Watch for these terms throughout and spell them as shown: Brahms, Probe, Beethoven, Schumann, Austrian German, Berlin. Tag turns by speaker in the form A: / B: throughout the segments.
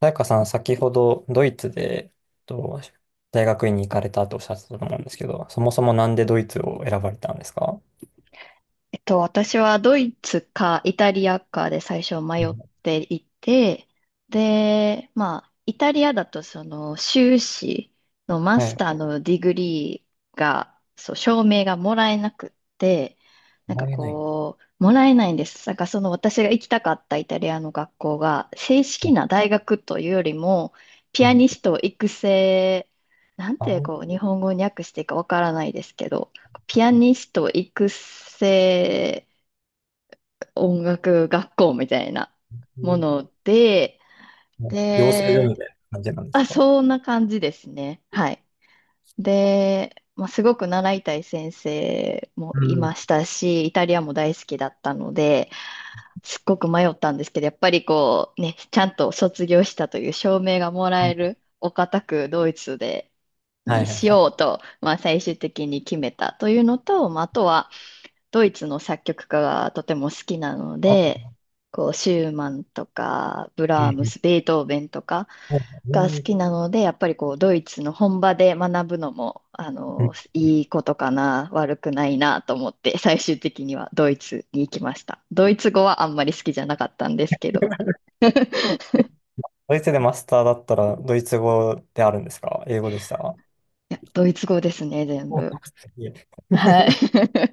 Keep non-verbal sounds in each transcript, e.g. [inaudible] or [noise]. A: さやかさん、先ほどドイツで、と、大学院に行かれたっておっしゃってたと思うんですけど、そもそもなんでドイツを選ばれたんですか？
B: 私はドイツかイタリアかで最初
A: う
B: 迷
A: ん。
B: っていて、で、まあ、イタリアだとその修士のマ
A: は
B: ス
A: い。
B: ターのディグリーが、そう、証明がもらえなくって、なんか
A: もらえない。
B: こう、もらえないんです。なんかその私が行きたかったイタリアの学校が、正
A: う
B: 式
A: ん。
B: な大学というよりも、ピアニスト育成、なん
A: あ、
B: て
A: うん。
B: こう、日本語に訳していいかわからないですけど、ピアニスト育成音楽学校みたいなも
A: う
B: ので、
A: ん。養成所み
B: で、
A: たいな感じなんです
B: あ、
A: か？
B: そんな感じですね。はい。で、まあ、すごく習いたい先生も
A: う
B: い
A: ん。
B: ましたし、イタリアも大好きだったので、すっごく迷ったんですけど、やっぱりこうね、ちゃんと卒業したという証明がも
A: う
B: らえ
A: ん。
B: るお堅くドイツで
A: は
B: に
A: いはい
B: し
A: はい。
B: ようと、まあ、最終的に決めたというのと、まあ、あとは、ドイツの作曲家がとても好きなの
A: あ。
B: で、こう、シューマンとか、ブ
A: う
B: ラームス、
A: ん。
B: ベートーベンとか
A: うん。
B: が好きなので、やっぱりこう、ドイツの本場で学ぶのも、あ
A: う
B: の、
A: ん。
B: いいことかな、悪くないなと思って、最終的にはドイツに行きました。ドイツ語はあんまり好きじゃなかったんですけど、
A: ドイツでマスターだったら、ドイツ語であるんですか英語でした？
B: いや、ドイツ語ですね、全
A: お。い
B: 部。
A: え。
B: は
A: [laughs]。
B: い。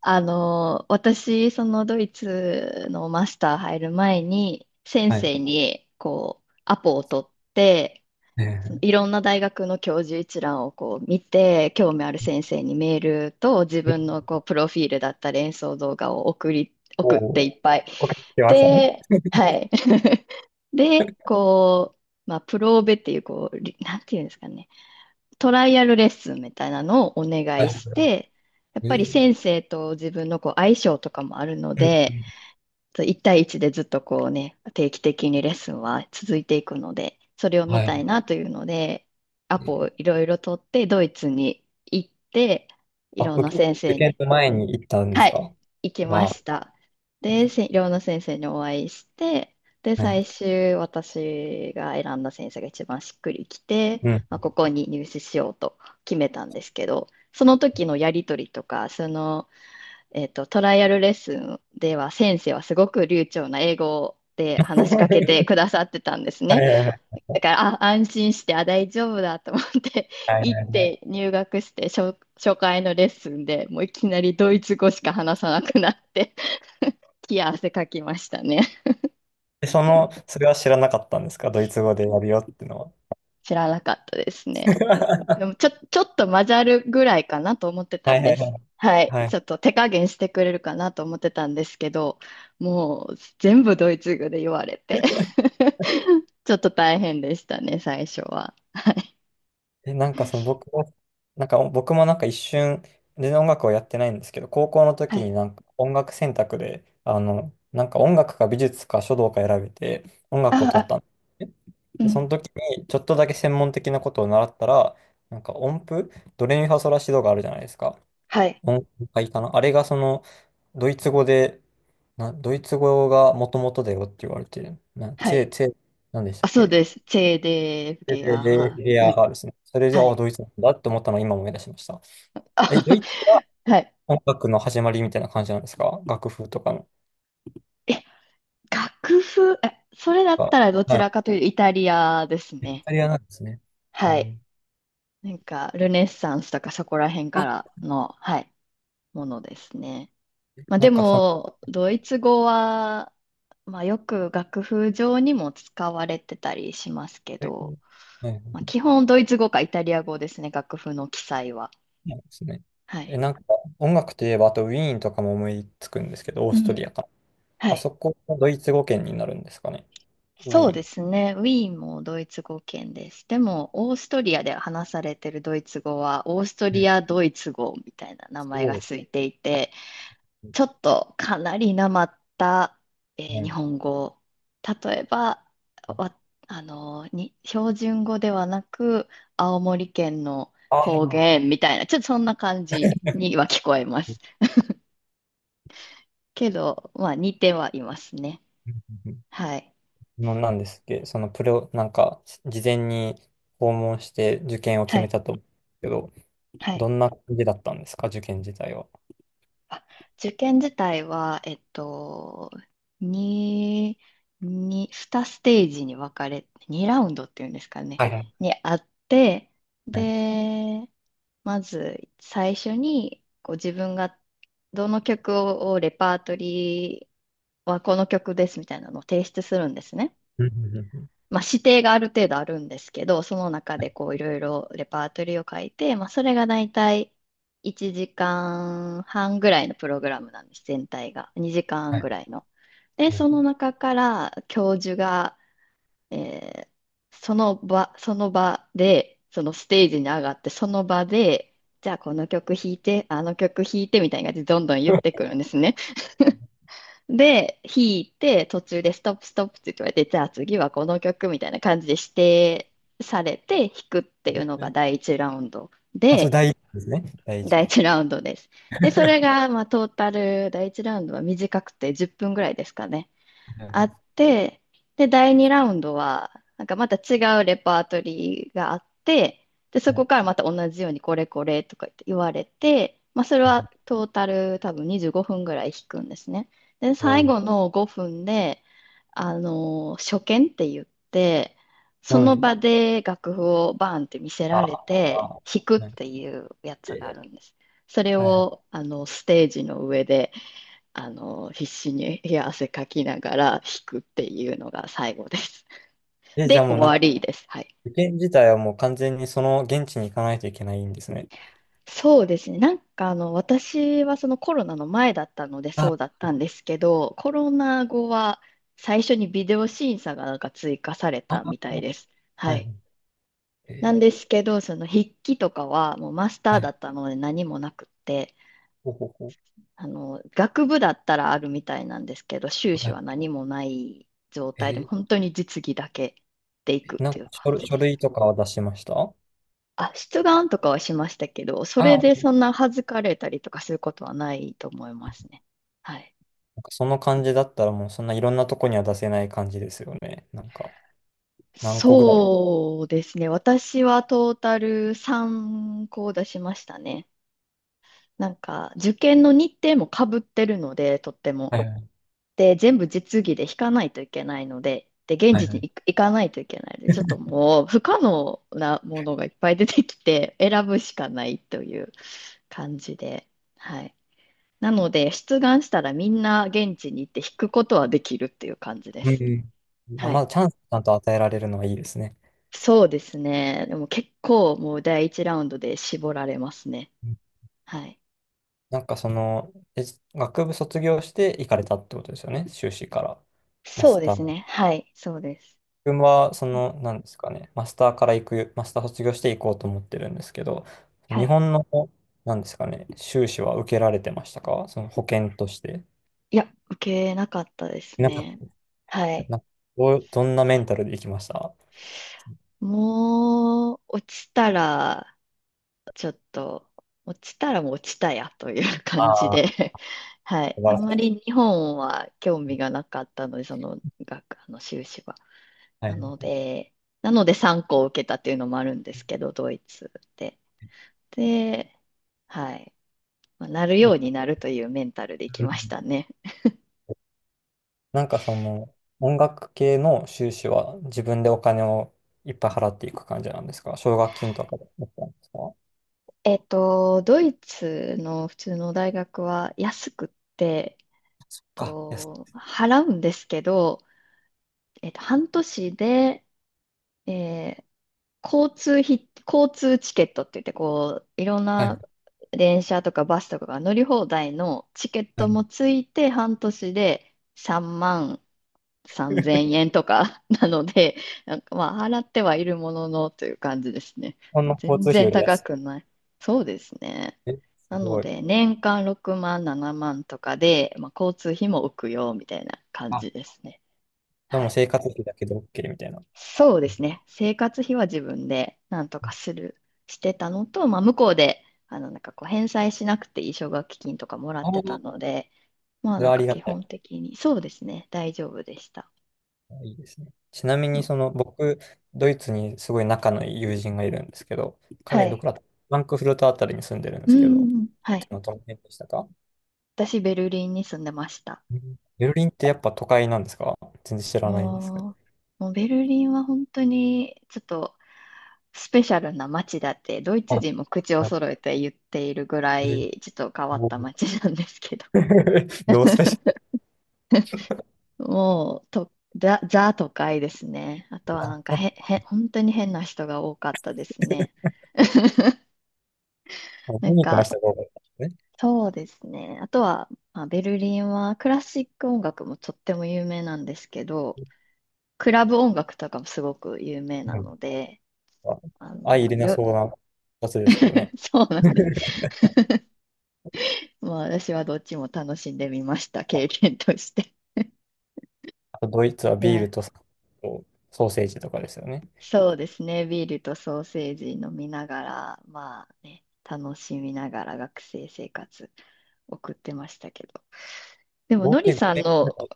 B: あの、私、そのドイツのマスター入る前に、先
A: はい。
B: 生に、こう、アポを取って、
A: え
B: そのいろんな大学の教授一覧をこう見て、興味ある先生にメールと自分
A: ー。
B: のこうプロフィールだったり演奏動画を送り、
A: お
B: 送っ
A: お。
B: ていっぱい。
A: わかけてましたね。
B: で、はい。[laughs] で、こう、まあ、プローベっていう、こう、なんていうんですかね。トライアルレッスンみたいなのをお願
A: は
B: い
A: い。
B: して、やっ
A: え
B: ぱり
A: ー。
B: 先生と自分のこう相性とかもあるの
A: うんう
B: で、
A: ん。
B: 1対1でずっとこうね、定期的にレッスンは続いていくので、それを見
A: は
B: た
A: い。
B: いなというので、ア
A: え
B: ポ
A: ー。
B: をいろいろ取って、ドイツに行って、い
A: あ、
B: ろんな
A: 受け、
B: 先
A: 受
B: 生
A: 験
B: に
A: の前に行ったんで
B: は
A: すか？
B: い、行きま
A: わ。
B: した。で、寮の先生にお会いして、で、
A: あ、はい。
B: 最終私が選んだ先生が一番しっくりきて、
A: うん。
B: まあ、ここに入試しようと決めたんですけど、その時のやり取りとか、その、トライアルレッスンでは先生はすごく流暢な英語で話しかけて
A: [laughs]
B: くださってたんです
A: は
B: ね。
A: いはいはい。
B: だから、あ、安心して、あ、大丈夫だと思って、[laughs]
A: はい
B: 行
A: はい
B: っ
A: はい。
B: て入学して、初回のレッスンでもういきなりドイツ語しか話さなくなって、[laughs] 冷や汗かきましたね。
A: で、その、それは知らなかったんですかドイツ語でやるよってのは。
B: 知らなかったですね。で
A: [laughs]
B: も、ちょっと混ざるぐらいかなと思ってた
A: はい
B: ん
A: は
B: で
A: いは
B: す。
A: い。
B: はい。
A: は
B: ち
A: い。
B: ょっと手加減してくれるかなと思ってたんですけど、もう全部ドイツ語で言われて [laughs] ちょっと大変でしたね、最初は。
A: え、なんかその僕も、なんか僕もなんか一瞬、全然音楽をやってないんですけど、高校の
B: は
A: 時に
B: い。
A: なんか音楽選択で、なんか音楽か美術か書道か選べて、音楽を
B: あ
A: 取った
B: あ、
A: んですね。
B: う
A: で、その
B: ん。
A: 時に、ちょっとだけ専門的なことを習ったら、なんか音符、ドレミファソラシドがあるじゃないですか。
B: はい。
A: 音符がいいかな。あれがその、ドイツ語で、な、ドイツ語がもともとだよって言われてる。な、
B: は
A: チ
B: い。
A: ェ、チェ、なんでした
B: あ、
A: っ
B: そう
A: け？
B: です。チェーデーフ
A: で、
B: ゲ
A: で
B: ア。
A: レ
B: は
A: レ
B: い。う
A: ア
B: ん。
A: があるですね。それで、
B: は
A: あ、
B: い。
A: ドイツなんだって思ったのを今思い出しました。
B: あ
A: え、ドイツが
B: [laughs] はい。
A: 音楽の始まりみたいな感じなんですか楽譜とかの。
B: え、楽譜、え、それだ
A: が。
B: ったらどち
A: はい。
B: らかというとイタリアです
A: イ
B: ね。
A: タリアなんですね。う
B: はい。
A: ん。
B: なんか、ルネッサンスとかそこら辺からのはい、ものですね。まあ
A: な
B: で
A: んかその、
B: も、ドイツ語は、まあよく楽譜上にも使われてたりしますけ
A: はい。
B: ど、まあ基本ドイツ語かイタリア語ですね、楽譜の記載は。
A: そうですね。
B: は
A: え、
B: い。
A: なんか音楽といえば、あとウィーンとかも思いつくんですけど、オー
B: う
A: スト
B: ん。
A: リアか。
B: は
A: あ
B: い、
A: そこもドイツ語圏になるんですかね。ウィ
B: そう
A: ー
B: で
A: ン。
B: すね。ウィーンもドイツ語圏です。でも、オーストリアで話されてるドイツ語は、オーストリ
A: ね。
B: ア・ドイツ語みたいな名
A: そ
B: 前が
A: う
B: ついていて、
A: です
B: ちょっとかなりなまった、日
A: ね。
B: 本語。例えば、わ、あの、標準語ではなく、青森県の
A: あ
B: 方
A: あ。
B: 言みたいな、ちょっとそんな感じには聞こえます。けど、まあ、似てはいますね。
A: うんうんうん。
B: はい。
A: の、なんですっけ、そのプロ、なんか、事前に訪問して受験を決
B: は
A: め
B: い。
A: たと思うんですけど、
B: は
A: ど
B: い。
A: んな感じだったんですか、受験自体は。
B: あ受験自体は、2、に2ステージに分かれ、2ラウンドっていうんですかね、
A: はいはい。
B: にあって、
A: はい。
B: で、まず最初にこう自分がどの曲をレパートリーはこの曲ですみたいなのを提出するんですね。
A: うんうんうんうん。
B: まあ、指定がある程度あるんですけど、その中でこういろいろレパートリーを書いて、まあ、それがだいたい1時間半ぐらいのプログラムなんです、全体が。2時間
A: はい
B: ぐらいの。で、
A: は
B: その
A: い。
B: 中から教授が、えーその場で、そのステージに上がって、その場で、じゃあこの曲弾いて、あの曲弾いてみたいな感じでどんどん言ってくるんですね。で、弾いて、途中でストップストップって言われて、じゃあ次はこの曲みたいな感じで指定されて弾くっていうのが第
A: [laughs]
B: 一ラウンド
A: あ、それ
B: で、
A: 第一ですね。第一
B: 第
A: か。は
B: 一ラウンドです。で、それが、まあ、トータル、第一ラウンドは短くて10分ぐらいですかね。
A: いは
B: あって、で、第2ラウンドは、なんかまた違うレパートリーがあって、で、
A: い
B: そ
A: はい。
B: こからまた同じようにこれこれとか言われて、まあ、それは
A: [laughs]
B: トータル多分25分ぐらい弾くんですね。で、
A: お
B: 最
A: ー。
B: 後の5分で、あの、初見って言って、そ
A: は
B: の
A: い。
B: 場で楽譜をバーンって見せ
A: あ
B: られ
A: あ、
B: て、
A: ああ。
B: 弾くっ
A: なんか。
B: ていうやつがあ
A: え
B: るんです。それ
A: ー。はいはい。
B: を、あの、ステージの上で、あの、必死に冷や汗かきながら弾くっていうのが最後です。[laughs]
A: え、じゃ
B: で、
A: あも
B: 終
A: うなん
B: わ
A: か、
B: りです。はい。
A: 受験自体はもう完全にその現地に行かないといけないんですね。
B: そうですね。なんかあの、私はそのコロナの前だったので
A: あ、
B: そうだったんですけど、コロナ後は最初にビデオ審査がなんか追加され
A: あ、
B: た
A: は
B: みたいです。は
A: いはい。
B: い。なん
A: え
B: ですけど、その筆記とかはもうマスタ
A: ー、
B: ー
A: は
B: だっ
A: い。
B: たので何もなくって、
A: ほうほうほう。
B: あの、学部だったらあるみたいなんですけど、修
A: は
B: 士
A: い。
B: は何もない状態で、
A: え
B: 本当に実技だけでいくっ
A: ー、なん
B: て
A: か
B: いう
A: 書
B: 感
A: 類、
B: じ
A: 書
B: です。
A: 類とかは出しましたあ？
B: あ、出願とかはしましたけど、それでそんな恥ずかれたりとかすることはないと思いますね。はい。
A: なんかその感じだったらもうそんないろんなとこには出せない感じですよね。なんか、何個ぐらい。
B: そうですね。私はトータル3校出しましたね。なんか、受験の日程もかぶってるので、とっても。
A: はいはい。
B: で、全部実技で弾かないといけないので、で、現
A: はい
B: 地
A: は
B: に
A: い。
B: 行かないといけないので、ちょっともう不可能なものがいっぱい出てきて、選ぶしかないという感じで、はい。なので、出願したらみんな現地に行って弾くことはできるっていう感じで
A: うん
B: す。
A: うん。あ、
B: は
A: ま
B: い。
A: だチャンスちゃんと与えられるのはいいですね。
B: そうですね。でも結構もう第一ラウンドで絞られますね。はい。
A: なんかその、え、学部卒業して行かれたってことですよね、修士から。マ
B: そ
A: ス
B: うで
A: タ
B: す
A: ー。
B: ね。はい。そうです。
A: 僕は、その、なんですかね、マスターから行く、マスター卒業して行こうと思ってるんですけど、
B: は
A: 日
B: い。
A: 本の、なんですかね、修士は受けられてましたかその保険として。
B: いや、受けなかったです
A: なんか、
B: ね。はい。
A: なんかどう、どんなメンタルで行きました？
B: もう、ちょっと、落ちたらもう落ちたやという
A: あ
B: 感じ
A: あ
B: で、
A: ー、
B: [laughs] はい。
A: 素晴
B: あ
A: ら
B: ん
A: しい
B: ま
A: です。
B: り日本は興味がなかったので、その学、あの修士は。
A: は
B: な
A: いは
B: の
A: い。
B: で、なので3校受けたっていうのもあるんですけど、ドイツで。で、はい。まあなるよ
A: え。
B: うになるというメンタルで行き
A: う
B: まし
A: ん。
B: たね。
A: なんかその、音楽系の修士は自分でお金をいっぱい払っていく感じなんですか奨学金とかだったんですか？
B: ドイツの普通の大学は安くって、
A: あ、安
B: 払うんですけど、半年で、えー交通チケットって言って、こう、いろん
A: い。はい。
B: な電車とかバスとかが乗り放題のチケッ
A: は
B: ト
A: い。
B: もついて、半年で3万3000
A: [laughs] 日
B: 円とか [laughs] なので、なんかまあ、払ってはいるもののという感じですね。
A: 本の交
B: 全
A: 通費よ
B: 然
A: り
B: 高
A: 安
B: くない。そうですね。
A: い。え、す
B: なの
A: ごい。
B: で、年間6万、7万とかで、まあ、交通費も浮くよ、みたいな感
A: あ、
B: じですね。
A: で
B: は
A: も
B: い、
A: 生活費だけで OK みたいな。
B: そうですね。生活費は自分でなんとかする、してたのと、まあ、向こうで、あの、なんかこう、返済しなくていい奨学金とかもら
A: あ
B: っ
A: あ、
B: てた
A: そ
B: ので、まあ、
A: れ
B: なん
A: はあり
B: か
A: が
B: 基
A: たい。
B: 本的に、そうですね。大丈夫でした。
A: いいですね。ちなみ
B: う
A: に、
B: ん、
A: その、僕、ドイツにすごい仲のいい友人がいるんですけど、
B: は
A: 彼、ど
B: い。
A: こだったフランクフルトあたりに住んでるんで
B: う
A: すけど、ド
B: ん、は
A: イ
B: い。
A: ツのどの辺でしたか？
B: 私、ベルリンに住んでました。
A: うん。ベルリンってやっぱ都会なんですか？全然知らないんですけど。
B: ももうベルリンは本当に、ちょっと、スペシャルな街だって、ドイ
A: あ、
B: ツ人も口を
A: はい。
B: 揃えて言っているぐら
A: [laughs] えー。
B: い、ちょっと変わっ
A: お
B: た
A: ー。
B: 街なんですけど。
A: [laughs] どうスペシャ
B: [laughs]
A: ル。
B: もう、ザ都会ですね。あとはな
A: あ、
B: んか
A: そ
B: へん、へん、本当に変な人が多かったですね。[laughs]
A: う、
B: な
A: ユ
B: ん
A: ニークな
B: か、
A: 人が多かったんです
B: そうですね。あとは、まあ、ベルリンはクラシック音楽もとっても有名なんですけど、クラブ音楽とかもすごく有名な
A: ね。
B: ので、
A: あ、
B: あ
A: 相入
B: の、
A: れなそうなやつですけどね。
B: [laughs] そうなんです。まあ、私はどっちも楽しんでみました、経験として。
A: あとドイツは
B: い
A: ビー
B: や、
A: ルとソーセージとかですよね。
B: そうですね。ビールとソーセージ飲みながら、まあね、楽しみながら学生生活送ってましたけど。でも、
A: 合
B: のり
A: 計
B: さん
A: 5
B: の、
A: 年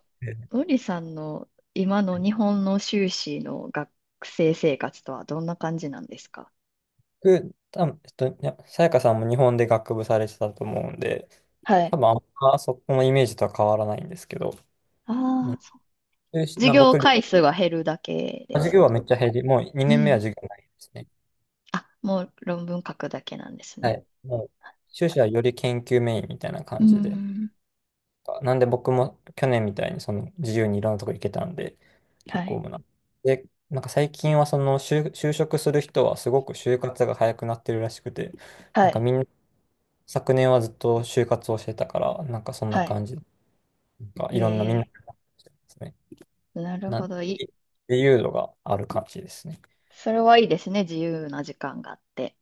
B: のりさんの今の
A: はい。
B: 日本の修士の学生生活とはどんな感じなんですか？
A: 僕、多分いやさやかさんも日本で学部されてたと思うんで、
B: は
A: 多
B: い。
A: 分あんまそこのイメージとは変わらないんですけど、う
B: あ
A: ん。
B: あ、
A: 修士
B: 授
A: な
B: 業
A: 僕、
B: 回数が減るだけです
A: 授業は
B: か？
A: めっちゃ減り、もう
B: う
A: 2年目は
B: ん。
A: 授業ないですね。
B: あ、もう論文書くだけなんです
A: は
B: ね。
A: い。もう、修士はより研究メインみたいな
B: う
A: 感じで。
B: ん。
A: なんで僕も去年みたいにその自由にいろんなとこ行けたんで、
B: は
A: 結構
B: い。
A: もうな。で、なんか最近はその就、就職する人はすごく就活が早くなってるらしくて、
B: は
A: なんか
B: い。
A: みんな昨年はずっと就活をしてたから、なんかそんな
B: はい。
A: 感じ、なんかいろんなみんな
B: え
A: ですね。
B: なる
A: なん
B: ほど。
A: で自由度がある感じですね。
B: それはいいですね。自由な時間があって。